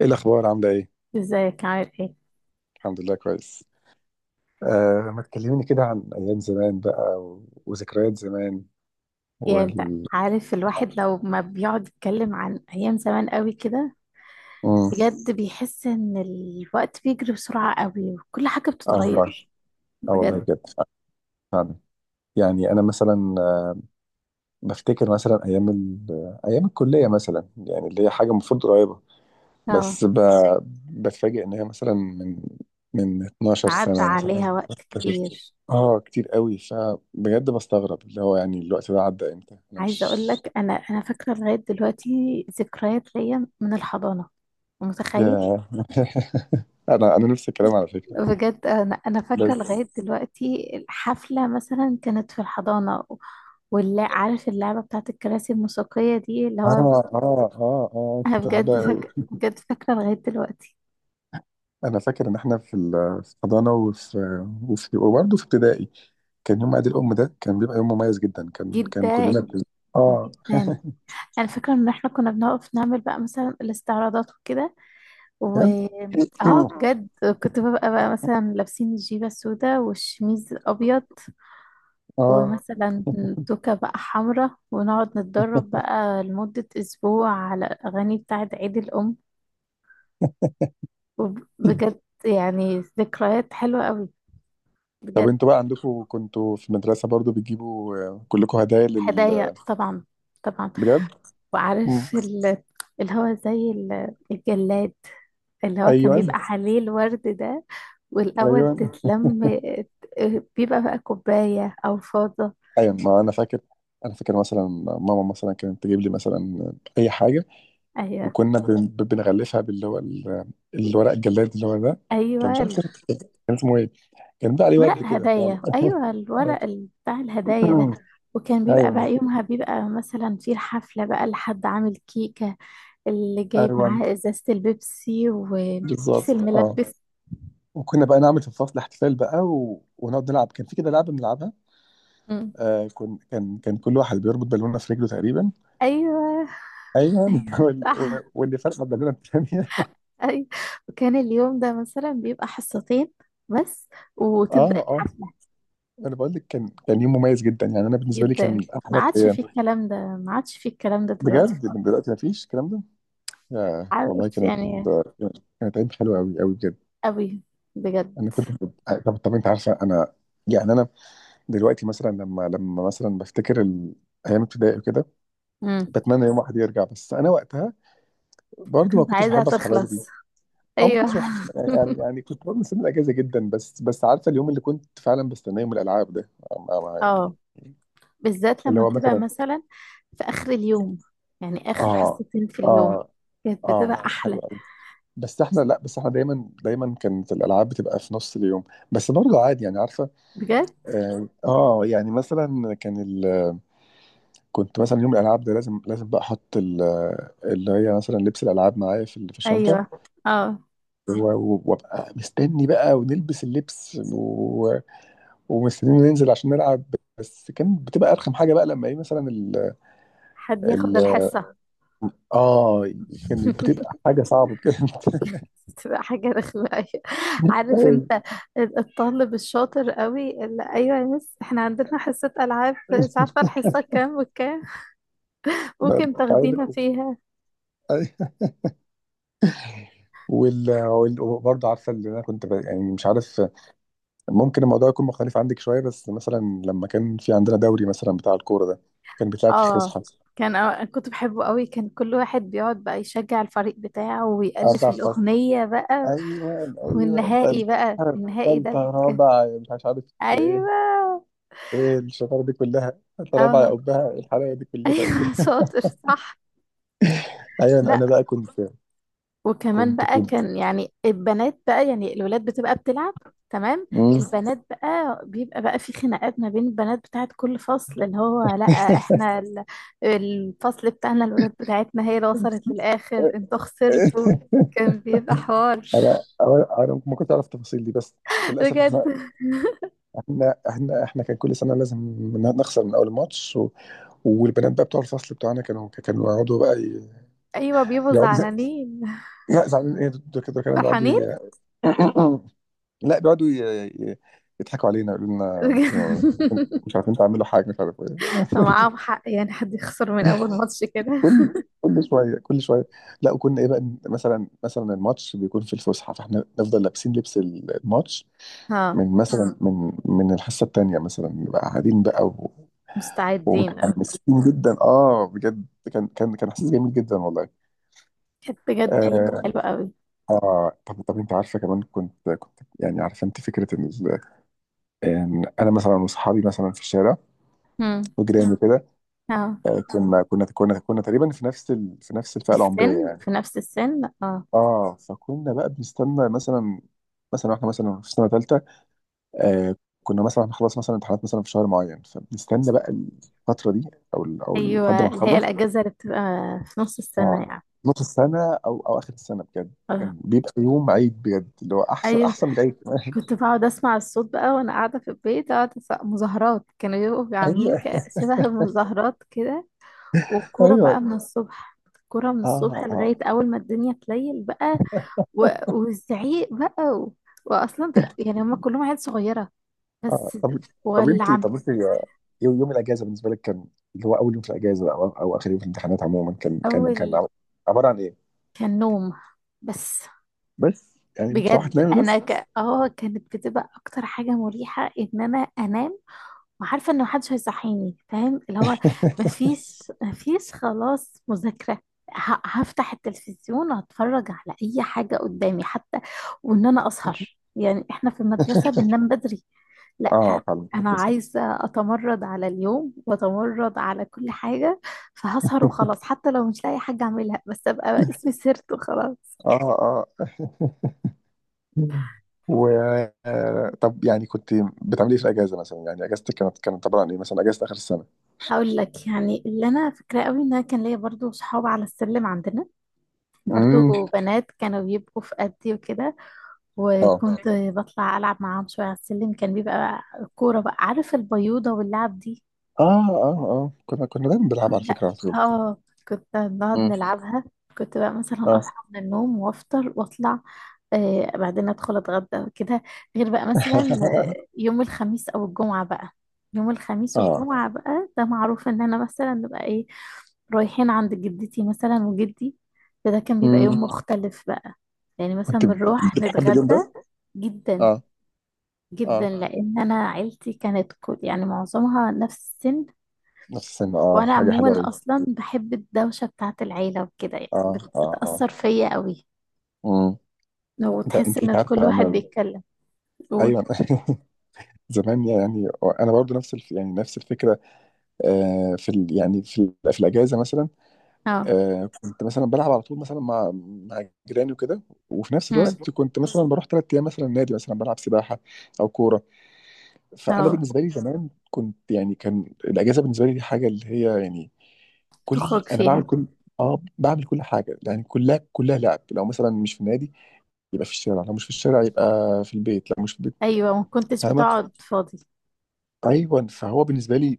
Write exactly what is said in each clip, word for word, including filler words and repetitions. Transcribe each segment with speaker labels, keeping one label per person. Speaker 1: ايه الاخبار عامله ايه؟
Speaker 2: ازيك، عامل ايه؟
Speaker 1: الحمد لله كويس. آه، ما تكلميني كده عن ايام زمان بقى و... وذكريات زمان.
Speaker 2: يعني انت
Speaker 1: وال
Speaker 2: عارف، الواحد لو ما بيقعد يتكلم عن ايام زمان قوي كده،
Speaker 1: مم.
Speaker 2: بجد بيحس ان الوقت بيجري بسرعة قوي وكل حاجة
Speaker 1: اه والله.
Speaker 2: بتتغير،
Speaker 1: اه والله
Speaker 2: بجد.
Speaker 1: بجد. آه، فعلا. يعني انا مثلا آه بفتكر مثلا ايام ال... ايام الكليه مثلا، يعني اللي هي حاجه المفروض قريبه.
Speaker 2: اه،
Speaker 1: بس ب... بتفاجئ ان هي مثلا من من اتناشر
Speaker 2: عدى
Speaker 1: سنه مثلا.
Speaker 2: عليها وقت كبير.
Speaker 1: اه، كتير قوي، فبجد بستغرب، اللي هو يعني الوقت ده عدى امتى؟ انا
Speaker 2: عايزة
Speaker 1: مش...
Speaker 2: اقول لك انا انا فاكرة لغاية دلوقتي ذكريات ليا من الحضانة. متخيل؟
Speaker 1: ياه. انا انا نفس الكلام على فكره.
Speaker 2: بجد انا انا فاكره
Speaker 1: بس،
Speaker 2: لغايه دلوقتي الحفله مثلا كانت في الحضانه. واللي عارف اللعبه بتاعت الكراسي الموسيقيه دي، اللي
Speaker 1: اه
Speaker 2: هو
Speaker 1: اه اه اه
Speaker 2: انا
Speaker 1: كنت
Speaker 2: بجد
Speaker 1: بحبها قوي.
Speaker 2: فاك... بجد فاكره لغايه دلوقتي.
Speaker 1: انا فاكر ان احنا في ال- في الحضانه، وفي وفي وبرضه في ابتدائي. كان يوم عيد الام ده كان بيبقى يوم مميز جدا. كان كان
Speaker 2: جدا.
Speaker 1: كلنا بن... اه،
Speaker 2: جدا. انا فاكره ان احنا كنا بنقف نعمل بقى مثلا الاستعراضات وكده، و
Speaker 1: كان...
Speaker 2: اه بجد، كنت ببقى بقى مثلا لابسين الجيبه السوداء والشميز الابيض،
Speaker 1: اه،
Speaker 2: ومثلا توكه بقى حمراء، ونقعد نتدرب بقى لمده اسبوع على الاغاني بتاعه عيد الام، وبجد يعني ذكريات حلوه قوي،
Speaker 1: طب
Speaker 2: بجد.
Speaker 1: انتوا بقى عندكم، كنتوا في المدرسه برضه بتجيبوا آه، كلكم هدايا لل...
Speaker 2: الهدايا طبعا. طبعا.
Speaker 1: بجد. مم.
Speaker 2: وعارف، ال... اللي هو زي ال- الجلاد اللي هو كان
Speaker 1: ايوه،
Speaker 2: بيبقى، ايوه، عليه الورد ده. والأول
Speaker 1: ايوه،
Speaker 2: تتلم، بيبقى بقى كوباية أو فاضة.
Speaker 1: ايوه، ما انا فاكر. انا فاكر مثلا ماما مثلا كانت تجيب لي مثلا اي حاجه،
Speaker 2: أيوة.
Speaker 1: وكنا بن- بنغلفها باللي هو ال- الورق الجلاد اللي هو ده. كان، مش
Speaker 2: أيوة
Speaker 1: عارف،
Speaker 2: ال-
Speaker 1: كان كان اسمه ايه؟ كان بيبقى عليه ورد
Speaker 2: ورق
Speaker 1: كده يعني.
Speaker 2: هدايا، أيوة الورق ال- بتاع الهدايا ده. وكان بيبقى بقى
Speaker 1: ايوه،
Speaker 2: يومها بيبقى مثلا في الحفلة بقى لحد عامل كيكة، اللي جايب
Speaker 1: ايوه،
Speaker 2: معاه إزازة البيبسي وكيس
Speaker 1: بالظبط، اه.
Speaker 2: الملبس.
Speaker 1: وكنا بقى نعمل في الفصل احتفال بقى و... ونقعد نلعب. كان في كده لعبه بنلعبها.
Speaker 2: أمم.
Speaker 1: آه كن... كان كان كل واحد بيربط بالونه في رجله تقريبا.
Speaker 2: أيوة.
Speaker 1: ايوه.
Speaker 2: أيوة
Speaker 1: وال...
Speaker 2: صح.
Speaker 1: واللي فرقه بالونه الثانيه.
Speaker 2: أي. وكان اليوم ده مثلا بيبقى حصتين بس، وتبدأ
Speaker 1: اه، اه،
Speaker 2: الحفلة.
Speaker 1: انا بقول لك كان كان يوم مميز جدا. يعني انا بالنسبه لي كان
Speaker 2: جدا. ما
Speaker 1: احلى
Speaker 2: عادش
Speaker 1: ايام.
Speaker 2: فيه الكلام ده، ما عادش فيه الكلام ده دلوقتي
Speaker 1: بجد، من
Speaker 2: خالص،
Speaker 1: دلوقتي مفيش الكلام ده. يا والله
Speaker 2: عارف
Speaker 1: كانت
Speaker 2: يعني.
Speaker 1: كانت عيد حلوه قوي قوي، بجد.
Speaker 2: قوي. بجد.
Speaker 1: انا كنت... طب، طب، انت عارفه انا. يعني انا دلوقتي مثلا، لما، لما مثلا بفتكر ال... ايام ابتدائي وكده.
Speaker 2: مم.
Speaker 1: بتمنى يوم واحد يرجع، بس انا وقتها برضو ما
Speaker 2: كنت
Speaker 1: كنتش
Speaker 2: عايزة
Speaker 1: بحب اصحى
Speaker 2: تخلص،
Speaker 1: بدري. او ما
Speaker 2: أيوه.
Speaker 1: كنتش بحب يعني، يعني كنت برضه مستني الاجازه جدا، بس، بس عارفه اليوم اللي كنت فعلا بستناه، يوم الالعاب ده. ما- ما- يعني،
Speaker 2: اه، بالذات
Speaker 1: اللي
Speaker 2: لما
Speaker 1: هو
Speaker 2: بتبقى
Speaker 1: مثلا،
Speaker 2: مثلا في آخر اليوم، يعني آخر
Speaker 1: اه
Speaker 2: حصتين في اليوم
Speaker 1: اه
Speaker 2: كانت
Speaker 1: اه
Speaker 2: بتبقى
Speaker 1: حلو
Speaker 2: أحلى.
Speaker 1: قوي. بس احنا لا بس احنا دايما دايما كانت الالعاب بتبقى في نص اليوم. بس برضه عادي، يعني عارفه.
Speaker 2: بجد.
Speaker 1: اه آه، يعني مثلا كان ال... كنت مثلا يوم الالعاب ده لازم، لازم بقى احط ال... اللي هي مثلا لبس الالعاب معايا في ال- في الشنطه.
Speaker 2: أيوه. اه.
Speaker 1: و- و- وابقى مستني بقى ونلبس اللبس و... ومستنيين ننزل عشان نلعب. بس كان بتبقى ارخم حاجه بقى لما ايه مثلا ال...
Speaker 2: حد ياخد
Speaker 1: ال...
Speaker 2: الحصة.
Speaker 1: اه كانت بتبقى حاجه صعبه بجد.
Speaker 2: بتبقى حاجة رخمة أوي. عارف انت الطالب الشاطر قوي اللي، ايوه يا مس، احنا عندنا حصة العاب، مش عارفة الحصة كام وكام،
Speaker 1: ما-
Speaker 2: ممكن
Speaker 1: مش
Speaker 2: تاخدينا
Speaker 1: عارف.
Speaker 2: فيها؟
Speaker 1: أي. وال... وال... وبرضه عارفه اللي انا كنت ب... يعني مش عارف. ممكن الموضوع يكون مختلف عندك شوية، بس مثلا لما كان في عندنا دوري مثلا بتاع الكورة ده، كان بيتلعب في
Speaker 2: اه،
Speaker 1: فسحة.
Speaker 2: كان أو... كنت بحبه قوي، كان كل واحد بيقعد بقى يشجع الفريق بتاعه ويألف
Speaker 1: أربع فصل.
Speaker 2: الأغنية بقى.
Speaker 1: أيوة، أيوة.
Speaker 2: والنهائي
Speaker 1: تالتة،
Speaker 2: بقى، النهائي
Speaker 1: تالتة،
Speaker 2: ده.
Speaker 1: رابعة، مش عارف عارف إيه
Speaker 2: ايوه.
Speaker 1: إيه الشطارة دي كلها؟ تالتة، رابعة يا
Speaker 2: اه.
Speaker 1: أبها، الحلاوة دي كلها
Speaker 2: ايوه.
Speaker 1: تقريبا.
Speaker 2: شاطر صح.
Speaker 1: أيوة، أنا
Speaker 2: لا،
Speaker 1: بقى كنت
Speaker 2: وكمان
Speaker 1: كنت
Speaker 2: بقى
Speaker 1: كنت
Speaker 2: كان، يعني البنات بقى، يعني الولاد بتبقى بتلعب. تمام.
Speaker 1: أمم.
Speaker 2: البنات بقى بيبقى بقى في خناقات ما بين البنات بتاعت كل فصل، اللي هو لا، احنا ال- الفصل بتاعنا الولاد بتاعتنا هي اللي وصلت للآخر، انتوا خسرتوا. كان بيبقى حوار.
Speaker 1: أنا أنا أنا ما كنتش أعرف التفاصيل دي، بس للأسف
Speaker 2: بجد.
Speaker 1: إحنا احنا احنا احنا كان كل سنه لازم ن- نخسر من اول ماتش و... والبنات بقى بتوع الفصل بتوعنا كانوا كانوا يقعدوا بقى ي-
Speaker 2: ايوه، بيبقوا
Speaker 1: يقعدوا.
Speaker 2: زعلانين.
Speaker 1: لا، زعلانين ايه دول كده، كانوا بيقعدوا
Speaker 2: فرحانين.
Speaker 1: ي... لا، بيقعدوا ي... ي- يضحكوا علينا، يقولوا لنا انتوا
Speaker 2: بجد.
Speaker 1: مش عارفين تعملوا حاجه، مش عارف ايه.
Speaker 2: معاهم حق، يعني حد يخسر من اول ماتش كده.
Speaker 1: كل كل شويه كل شويه. لا، وكنا ايه بقى، مثلا مثلا الماتش بيكون في الفسحه، فاحنا نفضل لابسين لبس الماتش.
Speaker 2: اه،
Speaker 1: من مثلا، من من الحصه الثانيه مثلا نبقى قاعدين بقى،
Speaker 2: مستعدين قوي.
Speaker 1: ومتحمسين جدا، اه بجد. كان كان كان احساس جميل جدا والله.
Speaker 2: كانت بجد ايام
Speaker 1: آه,
Speaker 2: حلوه قوي.
Speaker 1: اه طب، طب، انت عارفه كمان، كنت كنت يعني عارفه انت فكره ان ال- ان انا مثلا واصحابي مثلا في الشارع
Speaker 2: امم.
Speaker 1: وجيراني كده.
Speaker 2: اه.
Speaker 1: آه كنا كنا كنا كنا تقريبا في نفس ال... في نفس الفئه العمريه
Speaker 2: السن،
Speaker 1: يعني.
Speaker 2: في نفس السن، اه.
Speaker 1: اه، فكنا بقى بنستنى مثلا، مثلا احنا مثلا في سنه ثالثه. آه كنا مثلا هنخلص مثلا امتحانات مثلا في شهر معين، فبنستنى بقى الفتره دي، او ال- او لحد
Speaker 2: ايوه،
Speaker 1: ما
Speaker 2: اللي هي
Speaker 1: نخلص.
Speaker 2: الاجازه اللي بتبقى في نص السنه
Speaker 1: اه،
Speaker 2: يعني.
Speaker 1: نص السنة أو أو آخر السنة، بجد
Speaker 2: اه.
Speaker 1: كان بيبقى يوم عيد، بجد اللي هو أحسن،
Speaker 2: ايوه.
Speaker 1: أحسن من العيد كمان.
Speaker 2: كنت بقعد اسمع الصوت بقى وانا قاعده في البيت، اقعد أسمع مظاهرات كانوا بيبقوا عاملين
Speaker 1: أيوه،
Speaker 2: ك- شبه مظاهرات كده. والكوره بقى
Speaker 1: أيوه.
Speaker 2: من الصبح، الكوره من الصبح
Speaker 1: آه آه
Speaker 2: لغايه اول ما الدنيا تليل بقى، و... والزعيق بقى، و... واصلا تل- يعني هم كلهم عيال صغيره،
Speaker 1: آه
Speaker 2: بس.
Speaker 1: طب طب أنت
Speaker 2: ولع.
Speaker 1: طب أنت، يوم يوم الأجازة بالنسبة لك كان، اللي هو أول يوم في الأجازة أو أو آخر يوم في الامتحانات عموما، كان كان كان
Speaker 2: اول
Speaker 1: عب- عبارة عن إيه؟
Speaker 2: كان نوم. بس.
Speaker 1: بس يعني بتروح
Speaker 2: بجد
Speaker 1: تنام
Speaker 2: انا
Speaker 1: بس.
Speaker 2: ك... اه كانت بتبقى اكتر حاجه مريحه ان انا انام، وعارفه ان محدش هيصحيني، فاهم؟ اللي هو مفيش مفيش خلاص مذاكره، ه... هفتح التلفزيون واتفرج على اي حاجه قدامي حتى، وان انا اسهر، يعني احنا في المدرسه بننام بدري. لا،
Speaker 1: آه، فعلا
Speaker 2: انا
Speaker 1: بس.
Speaker 2: عايزه اتمرد على اليوم واتمرد على كل حاجه، فهسهر وخلاص، حتى لو مش لاقي حاجه اعملها، بس ابقى اسمي سهرت وخلاص.
Speaker 1: آه، آه. و آه، طب يعني كنت بتعملي إيه في الأجازة مثلا؟ يعني أجازتك كانت، كانت عبارة عن إيه مثلا؟ أجازة آخر السنة.
Speaker 2: هقول لك، يعني اللي انا فاكراه قوي ان انا كان ليا برضو صحاب على السلم عندنا،
Speaker 1: امم.
Speaker 2: برضو بنات كانوا بيبقوا في قدي وكده، اه.
Speaker 1: اه
Speaker 2: وكنت بطلع العب معاهم شويه على السلم، كان بيبقى كوره بقى، عارف البيوضه واللعب دي.
Speaker 1: اه اه اه كنا كنا دايما بنلعب على
Speaker 2: كنت
Speaker 1: فكرة على طول.
Speaker 2: اه كنت نقعد
Speaker 1: امم،
Speaker 2: نلعبها. كنت بقى مثلا
Speaker 1: اه.
Speaker 2: اصحى من النوم وافطر واطلع، آه بعدين ادخل اتغدى وكده. غير بقى مثلا، آه، يوم الخميس او الجمعة بقى يوم الخميس
Speaker 1: اه.
Speaker 2: والجمعة بقى، ده معروف ان انا مثلا نبقى ايه، رايحين عند جدتي مثلا وجدي، فده كان بيبقى يوم
Speaker 1: امم.
Speaker 2: مختلف بقى، يعني مثلا
Speaker 1: كنت
Speaker 2: بنروح
Speaker 1: بتحب اليوم
Speaker 2: نتغدى.
Speaker 1: ده؟
Speaker 2: جدا.
Speaker 1: اه،
Speaker 2: جدا،
Speaker 1: اه،
Speaker 2: لان انا عيلتي كانت، كل يعني معظمها نفس السن.
Speaker 1: نفس السن. اه،
Speaker 2: وانا
Speaker 1: حاجة حلوة
Speaker 2: عموما
Speaker 1: أوي.
Speaker 2: اصلا بحب الدوشه بتاعه العيله وكده، يعني
Speaker 1: اه،
Speaker 2: بت-
Speaker 1: اه، اه.
Speaker 2: بتاثر فيا قوي،
Speaker 1: امم.
Speaker 2: لو
Speaker 1: انت
Speaker 2: تحس
Speaker 1: انت
Speaker 2: ان
Speaker 1: انت
Speaker 2: كل
Speaker 1: عارفة
Speaker 2: واحد
Speaker 1: انا،
Speaker 2: بيتكلم يقول.
Speaker 1: ايوه. زمان يعني، انا برضو نفس الف... يعني نفس الفكره. آه في ال... يعني في ال... في الاجازه مثلا.
Speaker 2: اه.
Speaker 1: آه كنت مثلا بلعب على طول مثلا مع، مع جيراني وكده. وفي نفس
Speaker 2: امم.
Speaker 1: الوقت كنت مثلا بروح ثلاث ايام مثلا نادي مثلا بلعب سباحه او كوره. فانا
Speaker 2: اه.
Speaker 1: بالنسبه لي زمان كنت يعني، كان الاجازه بالنسبه لي دي حاجه اللي هي يعني كل
Speaker 2: بتخرج
Speaker 1: انا بعمل
Speaker 2: فيها.
Speaker 1: كل اه بعمل كل حاجه، يعني كلها كلها لعب. لو مثلا مش في النادي، يبقى في الشارع، لو مش في الشارع يبقى في البيت، لو مش في البيت.
Speaker 2: ايوه، ما كنتش
Speaker 1: فاهمه؟
Speaker 2: بتقعد فاضي.
Speaker 1: ايوه، فهو بالنسبه لي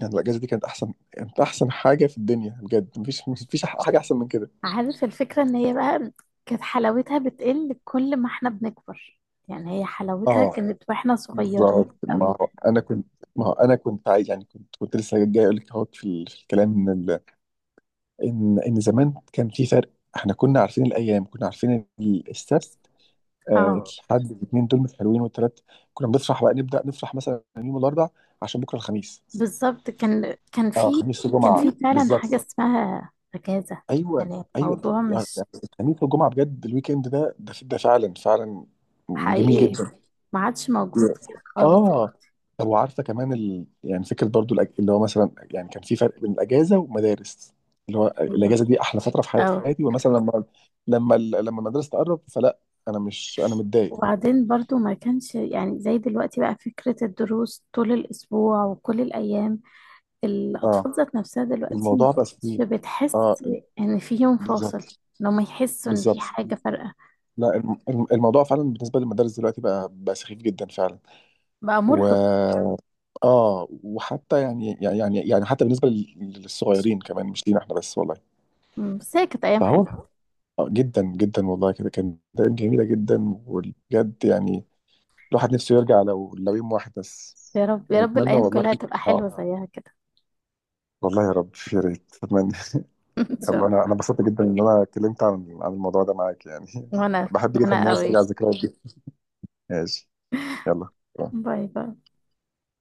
Speaker 1: يعني الاجازه دي كانت احسن كانت احسن حاجه في الدنيا، بجد مفيش مفيش حاجه احسن من كده.
Speaker 2: عارف الفكره ان هي بقى كانت حلاوتها بتقل كل ما احنا بنكبر، يعني هي حلاوتها
Speaker 1: اه،
Speaker 2: كانت واحنا صغيرين
Speaker 1: بالظبط. ما
Speaker 2: قوي.
Speaker 1: هو انا كنت ما هو انا كنت عايز، يعني كنت كنت لسه جاي اقول لك اهوت في ال- في الكلام، ان ان ان زمان كان في فرق. احنا كنا عارفين الايام، كنا عارفين ال- السبت، آه،
Speaker 2: اه،
Speaker 1: الحد، الاثنين دول مش حلوين، والثلاث. كنا بنفرح بقى، نبدا نفرح مثلا يوم الاربع عشان بكره الخميس.
Speaker 2: بالظبط. كان كان
Speaker 1: اه،
Speaker 2: في
Speaker 1: خميس
Speaker 2: كان
Speaker 1: وجمعه.
Speaker 2: في فعلا
Speaker 1: بالظبط.
Speaker 2: حاجه اسمها اجازه،
Speaker 1: ايوه،
Speaker 2: يعني
Speaker 1: ايوه،
Speaker 2: الموضوع
Speaker 1: يعني
Speaker 2: مش
Speaker 1: الخميس والجمعه، بجد الويك اند ده، ده ده فعلا، فعلا جميل
Speaker 2: حقيقي.
Speaker 1: جدا.
Speaker 2: ما عادش موجود كده خالص.
Speaker 1: اه، طب وعارفه كمان ال... يعني فكره برضو الأج... اللي هو مثلا يعني كان في فرق بين الاجازه والمدارس، اللي هو
Speaker 2: ايوه.
Speaker 1: الاجازه دي احلى فتره في
Speaker 2: اه،
Speaker 1: حياتي. ومثلا لما لما ال- لما المدرسه تقرب فلا، انا مش انا متضايق.
Speaker 2: وبعدين برضو ما كانش يعني زي دلوقتي بقى فكرة الدروس طول الأسبوع وكل الأيام.
Speaker 1: اه،
Speaker 2: الأطفال ذات نفسها دلوقتي ما
Speaker 1: الموضوع بقى
Speaker 2: بقتش
Speaker 1: فيه اه
Speaker 2: بتحس
Speaker 1: ال-
Speaker 2: إن في يوم فاصل،
Speaker 1: بالظبط،
Speaker 2: إن هم يحسوا إن في
Speaker 1: بالظبط.
Speaker 2: حاجة فارقة.
Speaker 1: لا، الم... الم- الموضوع فعلا بالنسبه للمدارس دلوقتي بقى، بقى سخيف جدا فعلا.
Speaker 2: بقى
Speaker 1: و
Speaker 2: مرهق.
Speaker 1: اه وحتى يعني، يعني يعني يعني حتى بالنسبه لل- للصغيرين كمان، مش لينا احنا بس والله.
Speaker 2: م، بس هي كانت أيام
Speaker 1: فهو
Speaker 2: حلوة.
Speaker 1: آه، جدا جدا والله كده كانت أيام جميلة جدا. وبجد يعني الواحد نفسه يرجع، لو، لو يوم واحد بس.
Speaker 2: يا رب، يا رب
Speaker 1: ونتمنى
Speaker 2: الأيام
Speaker 1: والله،
Speaker 2: كلها تبقى
Speaker 1: اه
Speaker 2: حلوة زيها كده.
Speaker 1: والله يا رب، يا ريت اتمنى.
Speaker 2: إن شاء
Speaker 1: يلا، انا انا
Speaker 2: الله.
Speaker 1: انبسطت جدا ان انا اتكلمت عن عن الموضوع ده معاك يعني.
Speaker 2: وأنا
Speaker 1: بحب جدا
Speaker 2: وأنا
Speaker 1: ان انا
Speaker 2: قوي.
Speaker 1: استرجع الذكريات دي. ماشي. يلا.
Speaker 2: باي باي.